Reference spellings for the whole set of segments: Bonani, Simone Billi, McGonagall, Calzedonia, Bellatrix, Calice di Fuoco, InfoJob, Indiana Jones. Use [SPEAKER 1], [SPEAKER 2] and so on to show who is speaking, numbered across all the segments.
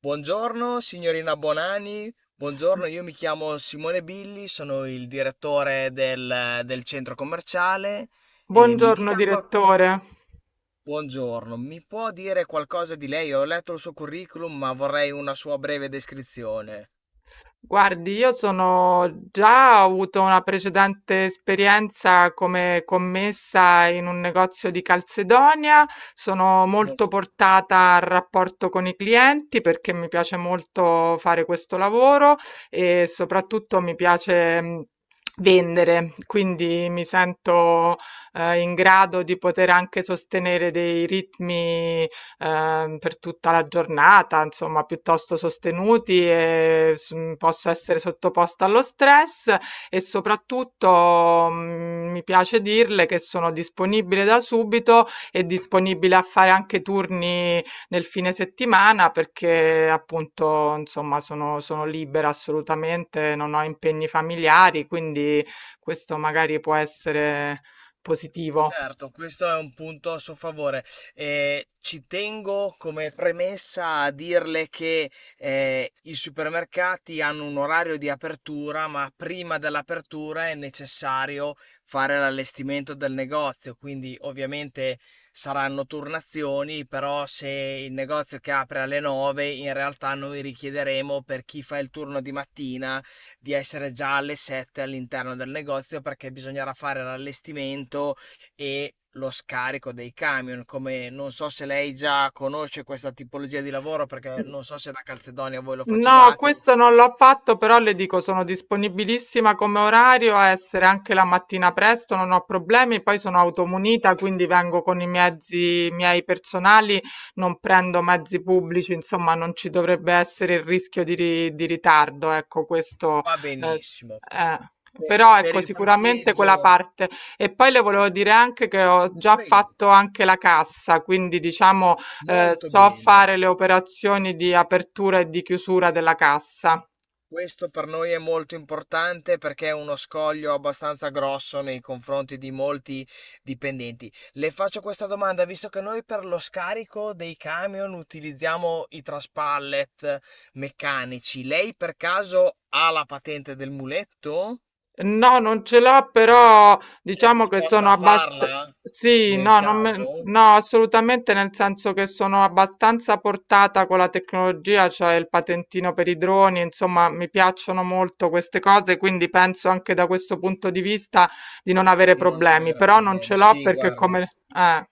[SPEAKER 1] Buongiorno signorina Bonani, buongiorno, io mi chiamo Simone Billi, sono il direttore del centro commerciale e
[SPEAKER 2] Buongiorno direttore.
[SPEAKER 1] buongiorno, mi può dire qualcosa di lei? Ho letto il suo curriculum, ma vorrei una sua breve descrizione.
[SPEAKER 2] Guardi, io sono già ho avuto una precedente esperienza come commessa in un negozio di Calzedonia, sono molto
[SPEAKER 1] Molto bene.
[SPEAKER 2] portata al rapporto con i clienti perché mi piace molto fare questo lavoro e soprattutto mi piace vendere, quindi mi sento in grado di poter anche sostenere dei ritmi per tutta la giornata, insomma, piuttosto sostenuti e posso essere sottoposta allo stress e soprattutto, mi piace dirle che sono disponibile da subito e disponibile a fare anche turni nel fine settimana perché appunto, insomma, sono libera assolutamente, non ho impegni familiari, quindi questo magari può essere positivo.
[SPEAKER 1] Certo, questo è un punto a suo favore. Ci tengo come premessa a dirle che i supermercati hanno un orario di apertura, ma prima dell'apertura è necessario fare l'allestimento del negozio, quindi ovviamente saranno turnazioni, però se il negozio che apre alle 9, in realtà noi richiederemo per chi fa il turno di mattina di essere già alle 7 all'interno del negozio perché bisognerà fare l'allestimento e lo scarico dei camion, come non so se lei già conosce questa tipologia di lavoro, perché non so se da Calzedonia voi lo
[SPEAKER 2] No,
[SPEAKER 1] facevate,
[SPEAKER 2] questo non l'ho fatto, però le dico sono disponibilissima come orario a essere anche la mattina presto, non ho problemi, poi sono automunita, quindi vengo con i mezzi miei personali, non prendo mezzi pubblici, insomma non ci dovrebbe essere il rischio di ritardo, ecco questo.
[SPEAKER 1] va
[SPEAKER 2] eh, s-
[SPEAKER 1] benissimo.
[SPEAKER 2] eh, Però
[SPEAKER 1] Per
[SPEAKER 2] ecco
[SPEAKER 1] il
[SPEAKER 2] sicuramente quella
[SPEAKER 1] parcheggio,
[SPEAKER 2] parte. E poi le volevo dire anche che ho già
[SPEAKER 1] prego,
[SPEAKER 2] fatto anche la cassa, quindi diciamo
[SPEAKER 1] molto
[SPEAKER 2] so
[SPEAKER 1] bene.
[SPEAKER 2] fare le operazioni di apertura e di chiusura della cassa.
[SPEAKER 1] Questo per noi è molto importante perché è uno scoglio abbastanza grosso nei confronti di molti dipendenti. Le faccio questa domanda, visto che noi per lo scarico dei camion utilizziamo i traspallet meccanici, lei per caso ha la patente del muletto?
[SPEAKER 2] No, non ce l'ho, però
[SPEAKER 1] È
[SPEAKER 2] diciamo che
[SPEAKER 1] disposta
[SPEAKER 2] sono
[SPEAKER 1] a
[SPEAKER 2] abbastanza...
[SPEAKER 1] farla
[SPEAKER 2] Sì,
[SPEAKER 1] nel
[SPEAKER 2] no, non me-
[SPEAKER 1] caso
[SPEAKER 2] no, assolutamente nel senso che sono abbastanza portata con la tecnologia, cioè il patentino per i droni, insomma, mi piacciono molto queste cose, quindi penso anche da questo punto di vista di non avere
[SPEAKER 1] di non
[SPEAKER 2] problemi,
[SPEAKER 1] avere
[SPEAKER 2] però non ce
[SPEAKER 1] problemi?
[SPEAKER 2] l'ho
[SPEAKER 1] Sì,
[SPEAKER 2] perché
[SPEAKER 1] guarda.
[SPEAKER 2] come... eh.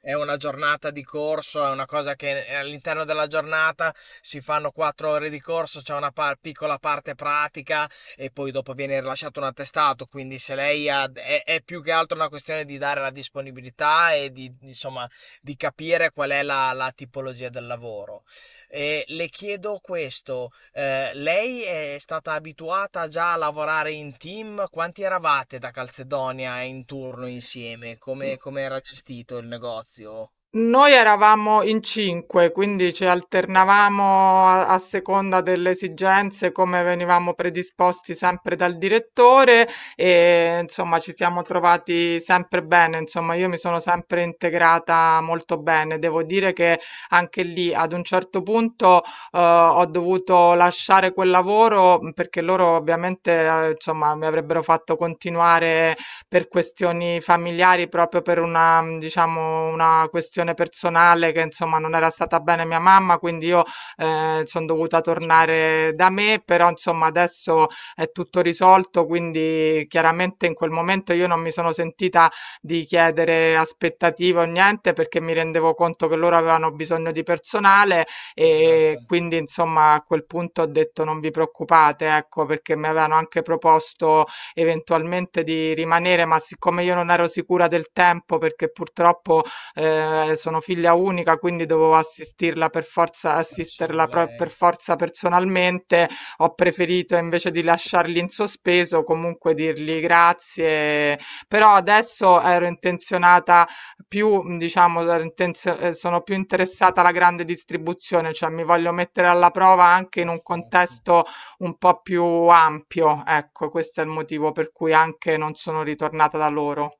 [SPEAKER 1] È una giornata di corso, è una cosa che all'interno della giornata si fanno 4 ore di corso, c'è una piccola parte pratica e poi dopo viene rilasciato un attestato. Quindi se lei ha, è più che altro una questione di dare la disponibilità e insomma, di capire qual è la tipologia del lavoro. E le chiedo questo, lei è stata abituata già a lavorare in team? Quanti eravate da Calzedonia in turno insieme? Come, come era gestito il negozio?
[SPEAKER 2] Noi eravamo in cinque, quindi ci
[SPEAKER 1] Ok, mi
[SPEAKER 2] alternavamo a seconda delle esigenze, come venivamo predisposti sempre dal direttore e insomma ci siamo trovati sempre bene, insomma io mi sono sempre integrata molto bene. Devo dire che anche lì ad un certo punto ho dovuto lasciare quel lavoro perché loro ovviamente insomma mi avrebbero fatto continuare per questioni familiari, proprio per una diciamo, una questione personale che insomma non era stata bene mia mamma, quindi io, son dovuta
[SPEAKER 1] spiace.
[SPEAKER 2] tornare da me, però insomma adesso è tutto risolto, quindi chiaramente in quel momento io non mi sono sentita di chiedere aspettative o niente, perché mi rendevo conto che loro avevano bisogno di personale,
[SPEAKER 1] Certo,
[SPEAKER 2] e quindi insomma a quel punto ho detto: "Non vi preoccupate", ecco, perché mi avevano anche proposto eventualmente di rimanere, ma siccome io non ero sicura del tempo perché purtroppo sono figlia unica, quindi dovevo assistirla per forza,
[SPEAKER 1] c'era solo
[SPEAKER 2] per
[SPEAKER 1] lei.
[SPEAKER 2] forza personalmente, ho preferito invece di lasciarli in sospeso, comunque dirgli grazie. Però adesso ero intenzionata più, diciamo, ero intenzio- sono più interessata alla grande distribuzione, cioè mi voglio mettere alla prova anche in un
[SPEAKER 1] Perfetto.
[SPEAKER 2] contesto un po' più ampio, ecco, questo è il motivo per cui anche non sono ritornata da loro.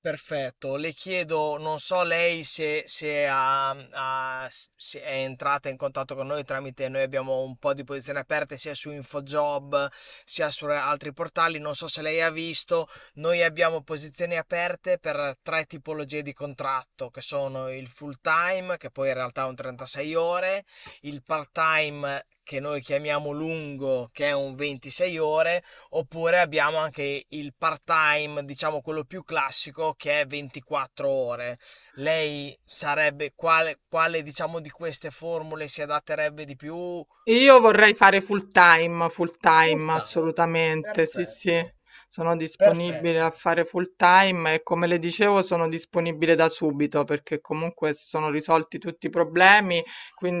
[SPEAKER 1] Perfetto, le chiedo, non so lei se, se se è entrata in contatto con noi tramite, noi abbiamo un po' di posizioni aperte sia su InfoJob sia su altri portali, non so se lei ha visto, noi abbiamo posizioni aperte per tre tipologie di contratto, che sono il full time, che poi in realtà è un 36 ore, il part time che noi chiamiamo lungo, che è un 26 ore, oppure abbiamo anche il part-time, diciamo quello più classico, che è 24 ore. Lei sarebbe quale, quale diciamo di queste formule si adatterebbe di più?
[SPEAKER 2] Io vorrei fare full
[SPEAKER 1] Full
[SPEAKER 2] time
[SPEAKER 1] time.
[SPEAKER 2] assolutamente, sì, sì,
[SPEAKER 1] Perfetto,
[SPEAKER 2] sono disponibile a
[SPEAKER 1] perfetto.
[SPEAKER 2] fare full time e come le dicevo sono disponibile da subito perché comunque si sono risolti tutti i problemi,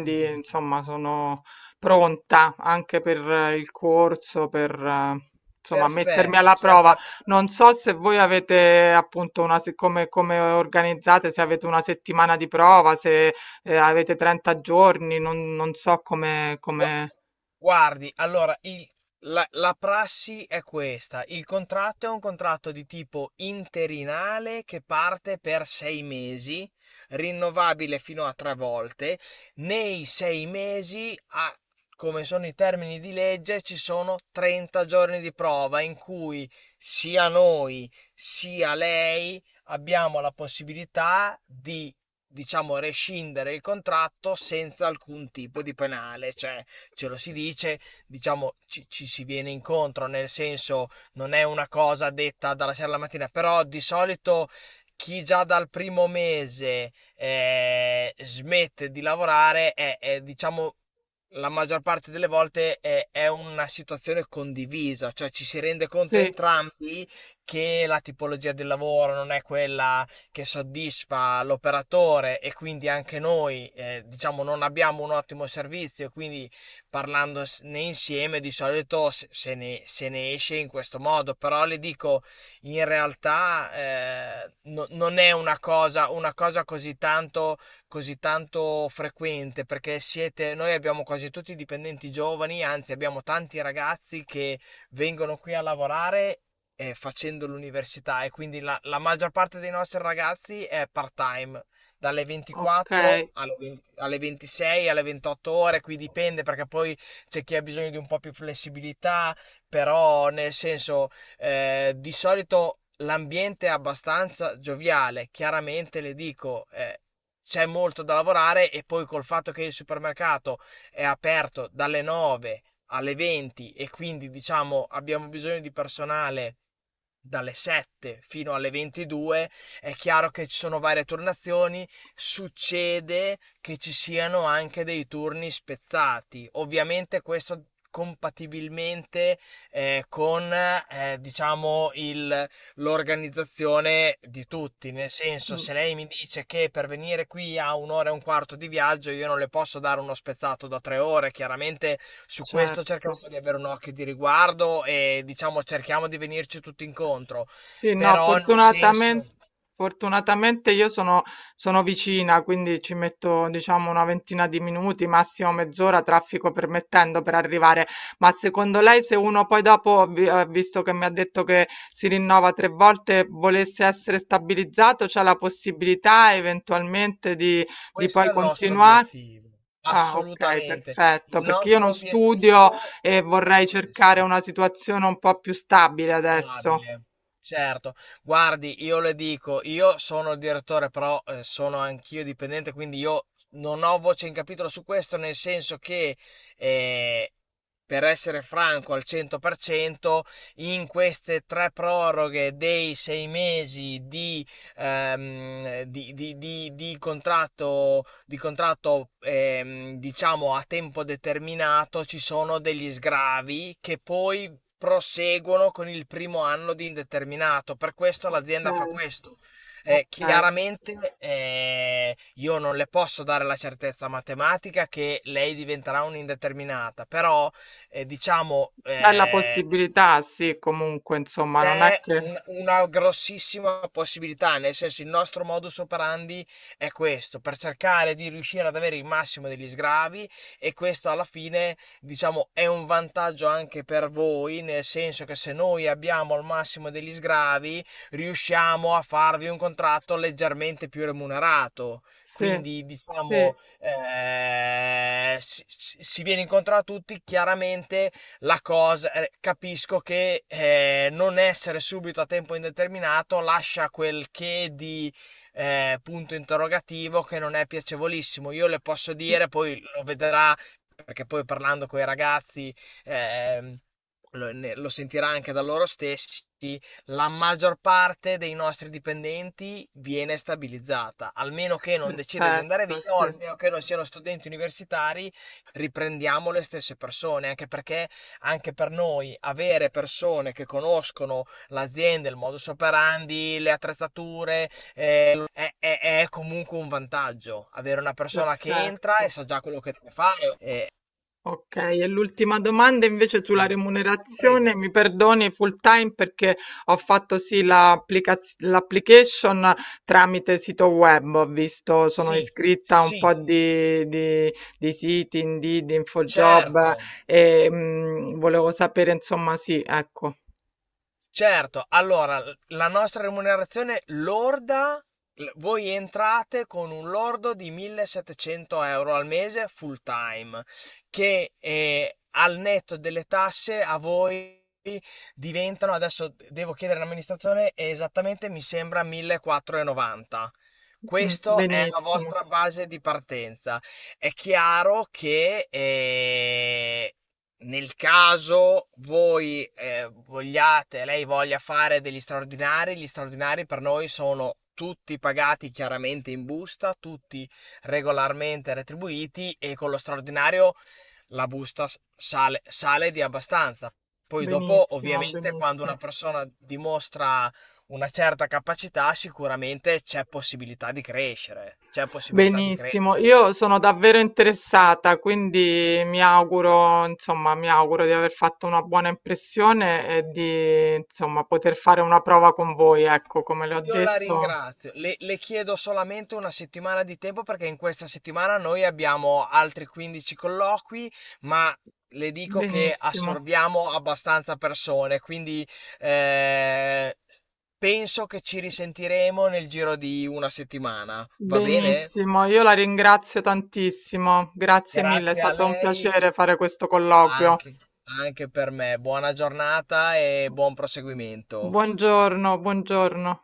[SPEAKER 1] Mi fa piacere.
[SPEAKER 2] insomma sono pronta anche per il corso, per insomma mettermi
[SPEAKER 1] Perfetto,
[SPEAKER 2] alla
[SPEAKER 1] certa.
[SPEAKER 2] prova. Non so se voi avete appunto una, se- come, come organizzate, se avete una settimana di prova, se avete 30 giorni, non, non so come,
[SPEAKER 1] Gua-
[SPEAKER 2] come...
[SPEAKER 1] Guardi, allora, la prassi è questa. Il contratto è un contratto di tipo interinale che parte per 6 mesi, rinnovabile fino a tre volte. Nei 6 mesi, come sono i termini di legge, ci sono 30 giorni di prova in cui sia noi sia lei abbiamo la possibilità di, diciamo, rescindere il contratto senza alcun tipo di penale. Cioè, ce lo si dice, diciamo ci si viene incontro, nel senso non è una cosa detta dalla sera alla mattina, però di solito chi già dal primo mese smette di lavorare diciamo la maggior parte delle volte è una situazione condivisa, cioè ci si rende conto
[SPEAKER 2] Sì,
[SPEAKER 1] entrambi che la tipologia del lavoro non è quella che soddisfa l'operatore e quindi anche noi diciamo non abbiamo un ottimo servizio e quindi parlandone insieme di solito se ne esce in questo modo, però le dico, in realtà non è una cosa così tanto frequente, perché siete, noi abbiamo quasi tutti dipendenti giovani, anzi abbiamo tanti ragazzi che vengono qui a lavorare. Facendo l'università e quindi la maggior parte dei nostri ragazzi è part-time dalle
[SPEAKER 2] ok,
[SPEAKER 1] 24 alle 20 alle 26, alle 28 ore, qui dipende perché poi c'è chi ha bisogno di un po' più flessibilità, però nel senso di solito l'ambiente è abbastanza gioviale, chiaramente le dico, c'è molto da lavorare e poi col fatto che il supermercato è aperto dalle 9 alle 20 e quindi diciamo abbiamo bisogno di personale dalle 7 fino alle 22, è chiaro che ci sono varie turnazioni, succede che ci siano anche dei turni spezzati. Ovviamente questo compatibilmente con diciamo l'organizzazione di tutti, nel senso
[SPEAKER 2] mm,
[SPEAKER 1] se lei mi dice che per venire qui a un'ora e un quarto di viaggio io non le posso dare uno spezzato da 3 ore, chiaramente su questo
[SPEAKER 2] certo.
[SPEAKER 1] cercheremo di avere un occhio di riguardo e diciamo cerchiamo di venirci tutti
[SPEAKER 2] S-
[SPEAKER 1] incontro,
[SPEAKER 2] Sì, no,
[SPEAKER 1] però nel senso
[SPEAKER 2] fortunatamente, fortunatamente io sono, sono vicina, quindi ci metto, diciamo, una ventina di minuti, massimo mezz'ora, traffico permettendo, per arrivare. Ma secondo lei, se uno poi dopo, visto che mi ha detto che si rinnova tre volte, volesse essere stabilizzato, c'è la possibilità eventualmente di poi
[SPEAKER 1] questo è il nostro
[SPEAKER 2] continuare?
[SPEAKER 1] obiettivo,
[SPEAKER 2] Ah, ok,
[SPEAKER 1] assolutamente. Il
[SPEAKER 2] perfetto, perché io
[SPEAKER 1] nostro
[SPEAKER 2] non studio
[SPEAKER 1] obiettivo
[SPEAKER 2] e
[SPEAKER 1] è
[SPEAKER 2] vorrei cercare
[SPEAKER 1] questo.
[SPEAKER 2] una situazione un po' più stabile adesso.
[SPEAKER 1] Stabile. Certo. Guardi, io le dico, io sono il direttore, però sono anch'io dipendente, quindi io non ho voce in capitolo su questo, nel senso che, eh, per essere franco al 100%, in queste tre proroghe dei 6 mesi di contratto diciamo a tempo determinato, ci sono degli sgravi che poi proseguono con il primo anno di indeterminato. Per questo
[SPEAKER 2] Ok,
[SPEAKER 1] l'azienda fa questo.
[SPEAKER 2] ok.
[SPEAKER 1] Chiaramente io non le posso dare la certezza matematica che lei diventerà un'indeterminata, però diciamo
[SPEAKER 2] C'è la possibilità, sì, comunque, insomma, non è
[SPEAKER 1] c'è
[SPEAKER 2] che...
[SPEAKER 1] una grossissima possibilità, nel senso il nostro modus operandi è questo, per cercare di riuscire ad avere il massimo degli sgravi e questo alla fine, diciamo, è un vantaggio anche per voi, nel senso che se noi abbiamo il massimo degli sgravi, riusciamo a farvi un contratto leggermente più remunerato.
[SPEAKER 2] Sì,
[SPEAKER 1] Quindi
[SPEAKER 2] sì,
[SPEAKER 1] diciamo si viene incontro a tutti, chiaramente la cosa, capisco che non essere subito a tempo indeterminato lascia quel che di punto interrogativo che non è piacevolissimo. Io le posso dire, poi lo vedrà, perché poi parlando con i ragazzi ehm, lo sentirà anche da loro stessi, la maggior parte dei nostri dipendenti viene stabilizzata, almeno che non decida di andare
[SPEAKER 2] perfetto,
[SPEAKER 1] via o
[SPEAKER 2] sì,
[SPEAKER 1] almeno che non siano studenti universitari, riprendiamo le stesse persone, anche perché anche per noi avere persone che conoscono l'azienda, il modus operandi, le attrezzature, è comunque un
[SPEAKER 2] perfetto.
[SPEAKER 1] vantaggio. Avere una persona
[SPEAKER 2] E-
[SPEAKER 1] che entra e sa già quello che deve fare.
[SPEAKER 2] Ok, e l'ultima domanda invece sulla
[SPEAKER 1] Prego.
[SPEAKER 2] remunerazione, mi perdoni full time perché ho fatto sì l'application tramite sito web, ho visto, sono
[SPEAKER 1] Sì,
[SPEAKER 2] iscritta a un
[SPEAKER 1] sì,
[SPEAKER 2] po' di siti, Indeed, InfoJob
[SPEAKER 1] certo.
[SPEAKER 2] volevo sapere insomma sì, ecco,
[SPEAKER 1] Certo, allora la nostra remunerazione lorda, voi entrate con un lordo di 1700 euro al mese full time, che al netto delle tasse a voi diventano, adesso devo chiedere all'amministrazione, esattamente mi sembra 1490.
[SPEAKER 2] mm,
[SPEAKER 1] Questa è la
[SPEAKER 2] benissimo,
[SPEAKER 1] vostra base di partenza. È chiaro che nel caso voi vogliate, lei voglia fare degli straordinari, gli straordinari per noi sono tutti pagati chiaramente in busta, tutti regolarmente retribuiti e con lo straordinario la busta sale, sale di abbastanza. Poi dopo,
[SPEAKER 2] benissimo,
[SPEAKER 1] ovviamente, quando una
[SPEAKER 2] benissimo.
[SPEAKER 1] persona dimostra una certa capacità, sicuramente c'è possibilità di crescere, c'è possibilità di
[SPEAKER 2] Benissimo,
[SPEAKER 1] crescere.
[SPEAKER 2] io sono davvero interessata, quindi mi auguro, insomma, mi auguro di aver fatto una buona impressione e di, insomma, poter fare una prova con voi, ecco, come le ho
[SPEAKER 1] Io la
[SPEAKER 2] detto.
[SPEAKER 1] ringrazio, le chiedo solamente una settimana di tempo perché in questa settimana noi abbiamo altri 15 colloqui, ma le dico che
[SPEAKER 2] Benissimo,
[SPEAKER 1] assorbiamo abbastanza persone, quindi eh, penso che ci risentiremo nel giro di una settimana, va bene?
[SPEAKER 2] benissimo, io la ringrazio tantissimo, grazie mille, è
[SPEAKER 1] Grazie a
[SPEAKER 2] stato un
[SPEAKER 1] lei
[SPEAKER 2] piacere fare questo colloquio.
[SPEAKER 1] anche anche per me. Buona giornata e buon proseguimento.
[SPEAKER 2] Buongiorno, buongiorno.